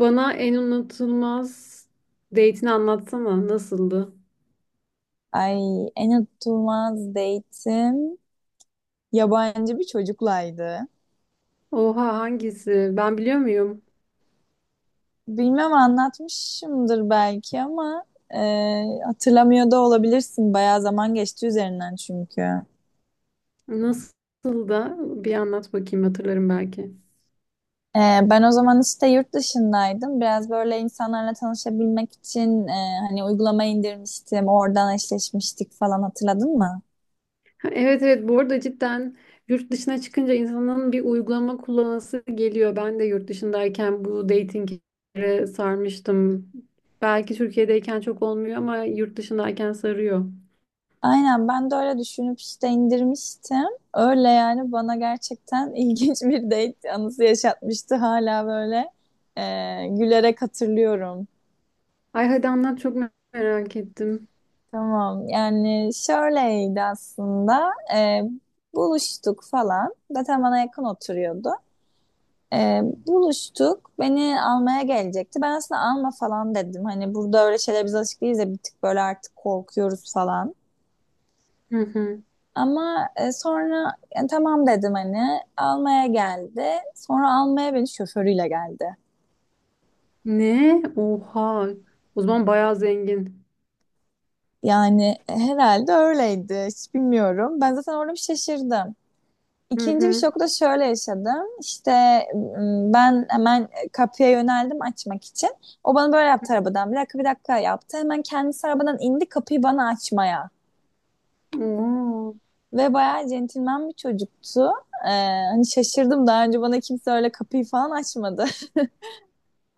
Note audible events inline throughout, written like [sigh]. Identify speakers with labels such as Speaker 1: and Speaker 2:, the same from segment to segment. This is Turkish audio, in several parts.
Speaker 1: Bana en unutulmaz date'ini anlatsana. Nasıldı?
Speaker 2: Ay en unutulmaz date'im yabancı bir çocuklaydı.
Speaker 1: Oha, hangisi? Ben biliyor muyum?
Speaker 2: Bilmem anlatmışımdır belki ama e, hatırlamıyor da olabilirsin. Bayağı zaman geçti üzerinden çünkü.
Speaker 1: Nasıl da, bir anlat bakayım, hatırlarım belki.
Speaker 2: E, Ben o zaman işte yurt dışındaydım. Biraz böyle insanlarla tanışabilmek için hani uygulama indirmiştim. Oradan eşleşmiştik falan hatırladın mı?
Speaker 1: Ha, evet evet, bu arada cidden yurt dışına çıkınca insanın bir uygulama kullanası geliyor. Ben de yurt dışındayken bu datinglere sarmıştım. Belki Türkiye'deyken çok olmuyor ama yurt dışındayken sarıyor.
Speaker 2: Aynen ben de öyle düşünüp işte indirmiştim. Öyle yani bana gerçekten [laughs] ilginç bir date anısı yaşatmıştı hala böyle e, gülerek hatırlıyorum.
Speaker 1: Ay hadi anlat, çok merak ettim.
Speaker 2: Tamam yani şöyleydi aslında. Buluştuk falan zaten bana yakın oturuyordu. Buluştuk beni almaya gelecekti, ben aslında alma falan dedim, hani burada öyle şeyler biz alışık değiliz ya, bir tık böyle artık korkuyoruz falan.
Speaker 1: Hı hı.
Speaker 2: Ama sonra yani tamam dedim hani almaya geldi. Sonra almaya beni şoförüyle geldi.
Speaker 1: Ne? Oha. O zaman bayağı zengin.
Speaker 2: Yani herhalde öyleydi. Hiç bilmiyorum. Ben zaten orada bir şaşırdım.
Speaker 1: Hı
Speaker 2: İkinci bir
Speaker 1: hı.
Speaker 2: şoku da şöyle yaşadım. İşte ben hemen kapıya yöneldim açmak için. O bana böyle yaptı arabadan. Bir dakika bir dakika yaptı. Hemen kendisi arabadan indi kapıyı bana açmaya.
Speaker 1: Oo.
Speaker 2: Ve bayağı centilmen bir çocuktu. Ee, Hani şaşırdım. Daha önce bana kimse öyle kapıyı falan açmadı.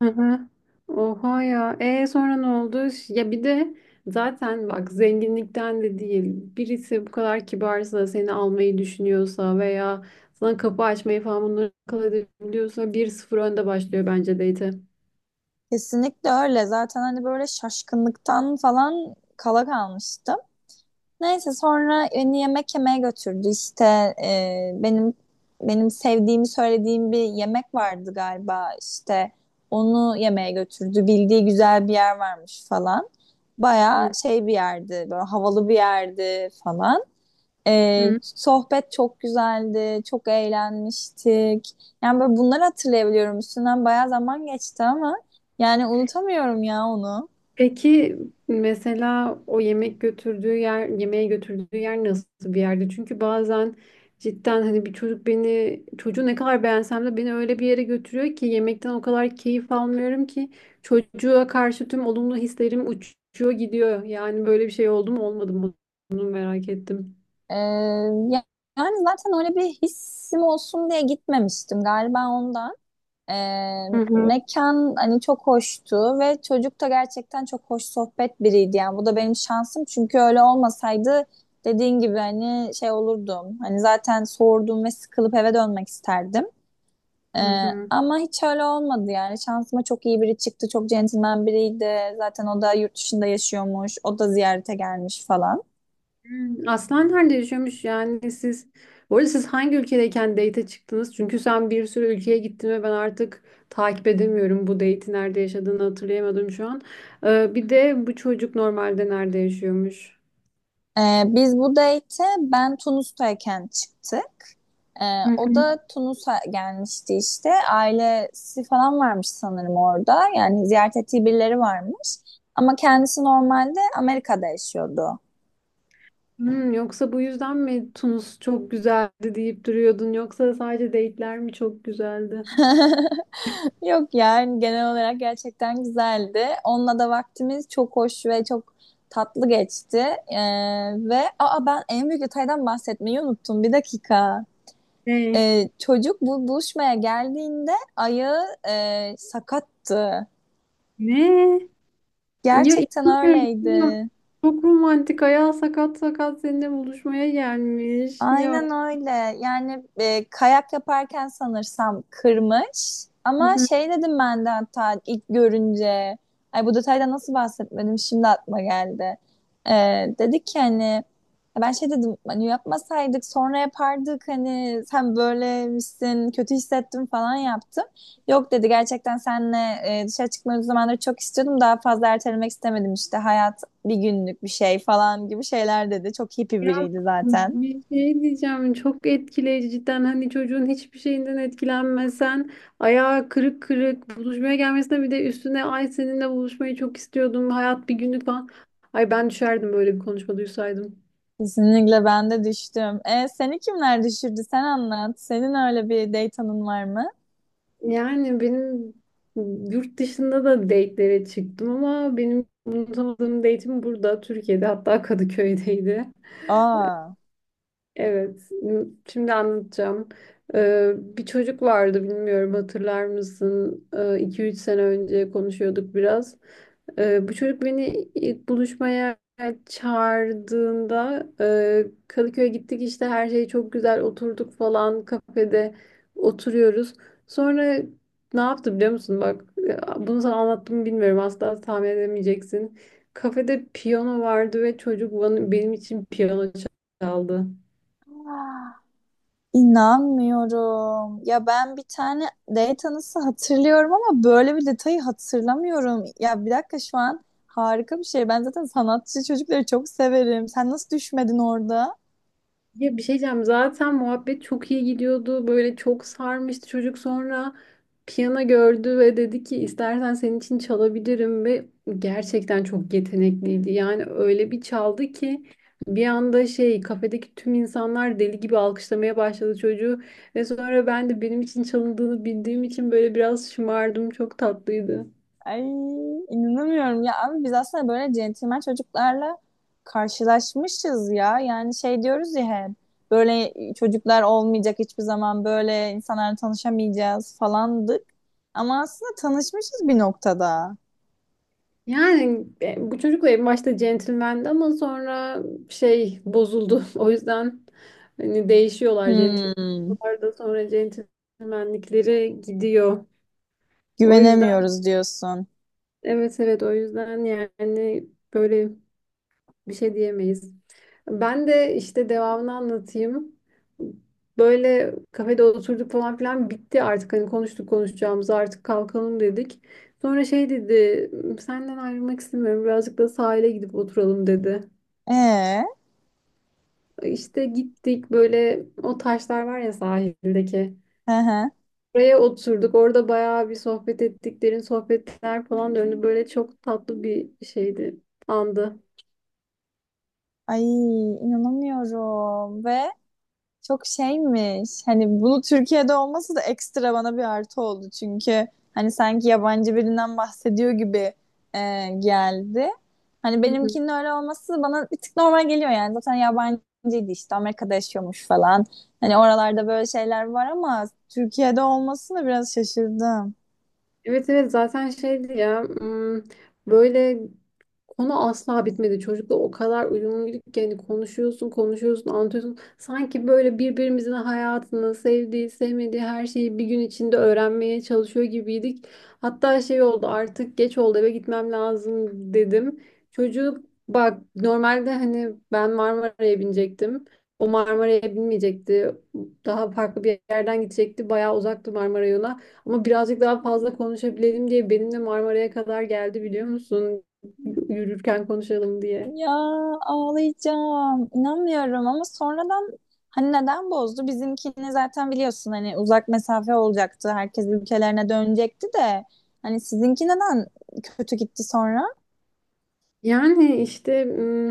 Speaker 1: Hı hı. Oha ya. E sonra ne oldu? Ya bir de zaten bak, zenginlikten de değil. Birisi bu kadar kibarsa, seni almayı düşünüyorsa veya sana kapı açmayı falan bunları akıl edebiliyorsa bir sıfır önde başlıyor bence date'e.
Speaker 2: Kesinlikle öyle. Zaten hani böyle şaşkınlıktan falan kala kalmıştım. Neyse sonra beni yemek yemeye götürdü. İşte e, benim benim sevdiğimi söylediğim bir yemek vardı galiba. İşte onu yemeye götürdü. Bildiği güzel bir yer varmış falan. Baya
Speaker 1: Hı
Speaker 2: şey bir yerdi, böyle havalı bir yerdi falan.
Speaker 1: hı.
Speaker 2: Sohbet çok güzeldi, çok eğlenmiştik. Yani böyle bunları hatırlayabiliyorum. Üstünden bayağı zaman geçti ama yani unutamıyorum ya onu.
Speaker 1: Peki mesela o yemek götürdüğü yer, yemeğe götürdüğü yer nasıl bir yerdi? Çünkü bazen cidden hani bir çocuk beni, çocuğu ne kadar beğensem de beni öyle bir yere götürüyor ki yemekten o kadar keyif almıyorum ki çocuğa karşı tüm olumlu hislerim uçuyor gidiyor. Yani böyle bir şey oldu mu olmadı mı? Bunu merak ettim.
Speaker 2: Ee, ya- Yani zaten öyle bir hissim olsun diye gitmemiştim galiba ondan. Ee,
Speaker 1: Hı hı.
Speaker 2: Mekan hani çok hoştu ve çocuk da gerçekten çok hoş sohbet biriydi. Yani bu da benim şansım çünkü öyle olmasaydı dediğin gibi hani şey olurdum. Hani zaten sordum ve sıkılıp eve dönmek isterdim.
Speaker 1: Hı hı.
Speaker 2: Ama hiç öyle olmadı yani. Şansıma çok iyi biri çıktı. Çok centilmen biriydi. Zaten o da yurt dışında yaşıyormuş. O da ziyarete gelmiş falan.
Speaker 1: Hmm. Aslan nerede yaşıyormuş, yani siz? Bu arada siz hangi ülkedeyken date'e çıktınız? Çünkü sen bir sürü ülkeye gittin ve ben artık takip edemiyorum. Bu date'i nerede yaşadığını hatırlayamadım şu an. Bir de bu çocuk normalde nerede yaşıyormuş?
Speaker 2: Biz bu date'e ben Tunus'tayken çıktık.
Speaker 1: Hı
Speaker 2: O
Speaker 1: hı.
Speaker 2: da Tunus'a gelmişti işte. Ailesi falan varmış sanırım orada. Yani ziyaret ettiği birileri varmış. Ama kendisi normalde Amerika'da yaşıyordu.
Speaker 1: Hmm, yoksa bu yüzden mi Tunus çok güzeldi deyip duruyordun? Yoksa sadece date'ler mi çok güzeldi?
Speaker 2: [laughs] Yok yani genel olarak gerçekten güzeldi. Onunla da vaktimiz çok hoş ve çok tatlı geçti. Ee, Ve aa ben en büyük detaydan bahsetmeyi unuttum. Bir dakika.
Speaker 1: Ne?
Speaker 2: Çocuk bu buluşmaya geldiğinde ayağı sakattı.
Speaker 1: Ne? Ya
Speaker 2: Gerçekten
Speaker 1: inanmıyorum. İnanmıyorum.
Speaker 2: öyleydi.
Speaker 1: Çok romantik. Ayağı sakat sakat seninle buluşmaya gelmiş. Ya.
Speaker 2: Aynen öyle. Yani kayak yaparken sanırsam kırmış. Ama şey dedim ben de hatta ilk görünce. Ay bu detayda nasıl bahsetmedim şimdi aklıma geldi. E, Dedik ki hani ben şey dedim hani yapmasaydık sonra yapardık hani sen böylemişsin kötü hissettim falan yaptım. Yok dedi gerçekten senle dışarı çıkmayı o zamanları çok istiyordum, daha fazla ertelemek istemedim, işte hayat bir günlük bir şey falan gibi şeyler dedi. Çok hippie biriydi zaten.
Speaker 1: Bir şey diyeceğim, çok etkileyici cidden. Hani çocuğun hiçbir şeyinden etkilenmesen ayağı kırık kırık buluşmaya gelmesine, bir de üstüne ay seninle buluşmayı çok istiyordum, hayat bir günlük falan. Ay, ben düşerdim böyle bir konuşma duysaydım.
Speaker 2: Kesinlikle ben de düştüm. Seni kimler düşürdü? Sen anlat. Senin öyle bir date anın var mı?
Speaker 1: Yani benim yurt dışında da date'lere çıktım ama benim unutamadığım date'im burada Türkiye'de, hatta Kadıköy'deydi.
Speaker 2: Aa,
Speaker 1: Evet, şimdi anlatacağım. Bir çocuk vardı, bilmiyorum hatırlar mısın? 2 üç sene önce konuşuyorduk biraz. Bu çocuk beni ilk buluşmaya çağırdığında Kadıköy'e gittik, işte her şey çok güzel, oturduk falan kafede, oturuyoruz. Sonra ne yaptı biliyor musun? Bak, bunu sana anlattım mı bilmiyorum, asla tahmin edemeyeceksin. Kafede piyano vardı ve çocuk bana, benim için piyano çaldı.
Speaker 2: inanmıyorum. Ya ben bir tane date anısı hatırlıyorum ama böyle bir detayı hatırlamıyorum. Ya bir dakika, şu an harika bir şey. Ben zaten sanatçı çocukları çok severim. Sen nasıl düşmedin orada?
Speaker 1: Ya bir şey diyeceğim. Zaten muhabbet çok iyi gidiyordu. Böyle çok sarmıştı çocuk. Sonra piyano gördü ve dedi ki istersen senin için çalabilirim, ve gerçekten çok yetenekliydi. Yani öyle bir çaldı ki bir anda şey, kafedeki tüm insanlar deli gibi alkışlamaya başladı çocuğu, ve sonra ben de benim için çalındığını bildiğim için böyle biraz şımardım. Çok tatlıydı.
Speaker 2: Ay inanamıyorum ya abi, biz aslında böyle centilmen çocuklarla karşılaşmışız ya. Yani şey diyoruz ya hep, böyle çocuklar olmayacak, hiçbir zaman böyle insanlarla tanışamayacağız falandık. Ama aslında tanışmışız bir noktada.
Speaker 1: Yani bu çocukla en başta centilmendi ama sonra şey bozuldu. [laughs] O yüzden hani değişiyorlar
Speaker 2: Hmm,
Speaker 1: centilmenler da sonra centilmenlikleri gidiyor. O yüzden
Speaker 2: güvenemiyoruz diyorsun.
Speaker 1: evet evet, o yüzden yani böyle bir şey diyemeyiz. Ben de işte devamını anlatayım. Böyle kafede oturduk falan filan, bitti artık. Hani konuştuk konuşacağımızı, artık kalkalım dedik. Sonra şey dedi, senden ayrılmak istemiyorum, birazcık da sahile gidip oturalım dedi.
Speaker 2: Ee,
Speaker 1: İşte gittik, böyle o taşlar var ya sahildeki.
Speaker 2: hı hı.
Speaker 1: Oraya oturduk. Orada bayağı bir sohbet ettik. Derin sohbetler falan döndü. Böyle çok tatlı bir şeydi, andı.
Speaker 2: Ay inanamıyorum ve çok şeymiş. Hani bunu Türkiye'de olması da ekstra bana bir artı oldu. Çünkü hani sanki yabancı birinden bahsediyor gibi geldi. Hani benimkinin öyle olması bana bir tık normal geliyor yani. Zaten yabancıydı işte Amerika'da yaşıyormuş falan. Hani oralarda böyle şeyler var ama Türkiye'de olmasına biraz şaşırdım.
Speaker 1: Evet evet, zaten şeydi ya, böyle konu asla bitmedi. Çocukla o kadar uyumluyduk ki hani konuşuyorsun konuşuyorsun anlatıyorsun. Sanki böyle birbirimizin hayatını, sevdiği sevmediği her şeyi bir gün içinde öğrenmeye çalışıyor gibiydik. Hatta şey oldu, artık geç oldu eve gitmem lazım dedim. Çocuk, bak normalde hani ben Marmara'ya binecektim. O Marmara'ya binmeyecekti. Daha farklı bir yerden gidecekti. Bayağı uzaktı Marmara yolu. Ama birazcık daha fazla konuşabilelim diye benimle Marmara'ya kadar geldi biliyor musun? Yürürken konuşalım diye.
Speaker 2: Ya ağlayacağım. İnanmıyorum ama sonradan hani neden bozdu? Bizimkini zaten biliyorsun hani uzak mesafe olacaktı. Herkes ülkelerine dönecekti de hani sizinki neden kötü gitti sonra?
Speaker 1: Yani işte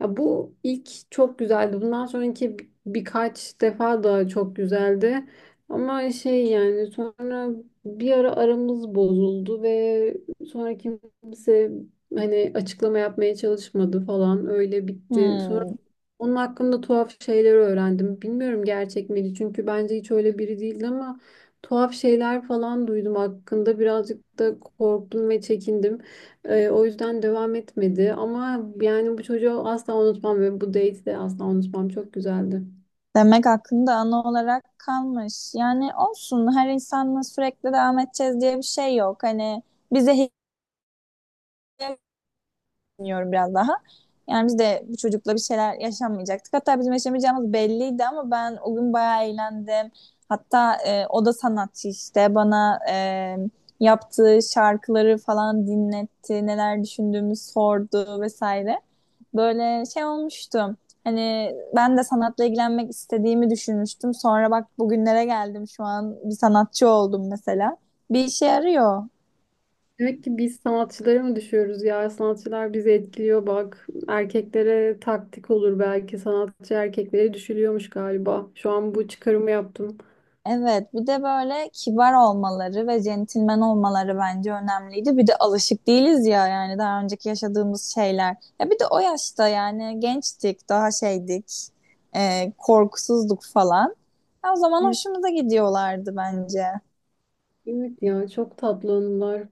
Speaker 1: ya bu ilk çok güzeldi. Bundan sonraki birkaç defa daha çok güzeldi. Ama şey yani sonra bir ara aramız bozuldu ve sonra kimse hani açıklama yapmaya çalışmadı falan, öyle bitti. Sonra
Speaker 2: Hmm.
Speaker 1: onun hakkında tuhaf şeyler öğrendim. Bilmiyorum gerçek miydi, çünkü bence hiç öyle biri değildi, ama tuhaf şeyler falan duydum hakkında. Birazcık da korktum ve çekindim. O yüzden devam etmedi ama yani bu çocuğu asla unutmam ve bu date'i de asla unutmam. Çok güzeldi.
Speaker 2: Demek aklında ana olarak kalmış. Yani olsun, her insanla sürekli devam edeceğiz diye bir şey yok. Hani bize hediye düşünüyorum biraz daha. Yani biz de bu çocukla bir şeyler yaşamayacaktık. Hatta bizim yaşamayacağımız belliydi ama ben o gün bayağı eğlendim. Hatta o da sanatçı işte bana yaptığı şarkıları falan dinletti, neler düşündüğümü sordu vesaire. Böyle şey olmuştu. Hani ben de sanatla ilgilenmek istediğimi düşünmüştüm. Sonra bak bugünlere geldim, şu an bir sanatçı oldum mesela. Bir işe yarıyor.
Speaker 1: Demek ki biz sanatçılara mı düşüyoruz ya? Sanatçılar bizi etkiliyor bak. Erkeklere taktik olur belki. Sanatçı erkeklere düşülüyormuş galiba. Şu an bu çıkarımı yaptım.
Speaker 2: Evet, bir de böyle kibar olmaları ve centilmen olmaları bence önemliydi. Bir de alışık değiliz ya yani daha önceki yaşadığımız şeyler. Ya bir de o yaşta yani gençtik, daha şeydik, korkusuzduk falan. Ya o zaman hoşumuza gidiyorlardı bence.
Speaker 1: Evet ya, çok tatlı anılar.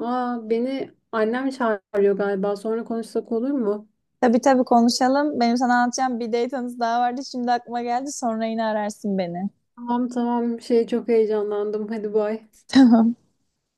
Speaker 1: Aa, beni annem çağırıyor galiba. Sonra konuşsak olur mu?
Speaker 2: Tabii tabii konuşalım. Benim sana anlatacağım bir date anısı daha vardı. Şimdi aklıma geldi. Sonra yine ararsın beni.
Speaker 1: Tamam tamam, şey çok heyecanlandım. Hadi bay.
Speaker 2: [laughs] Tamam.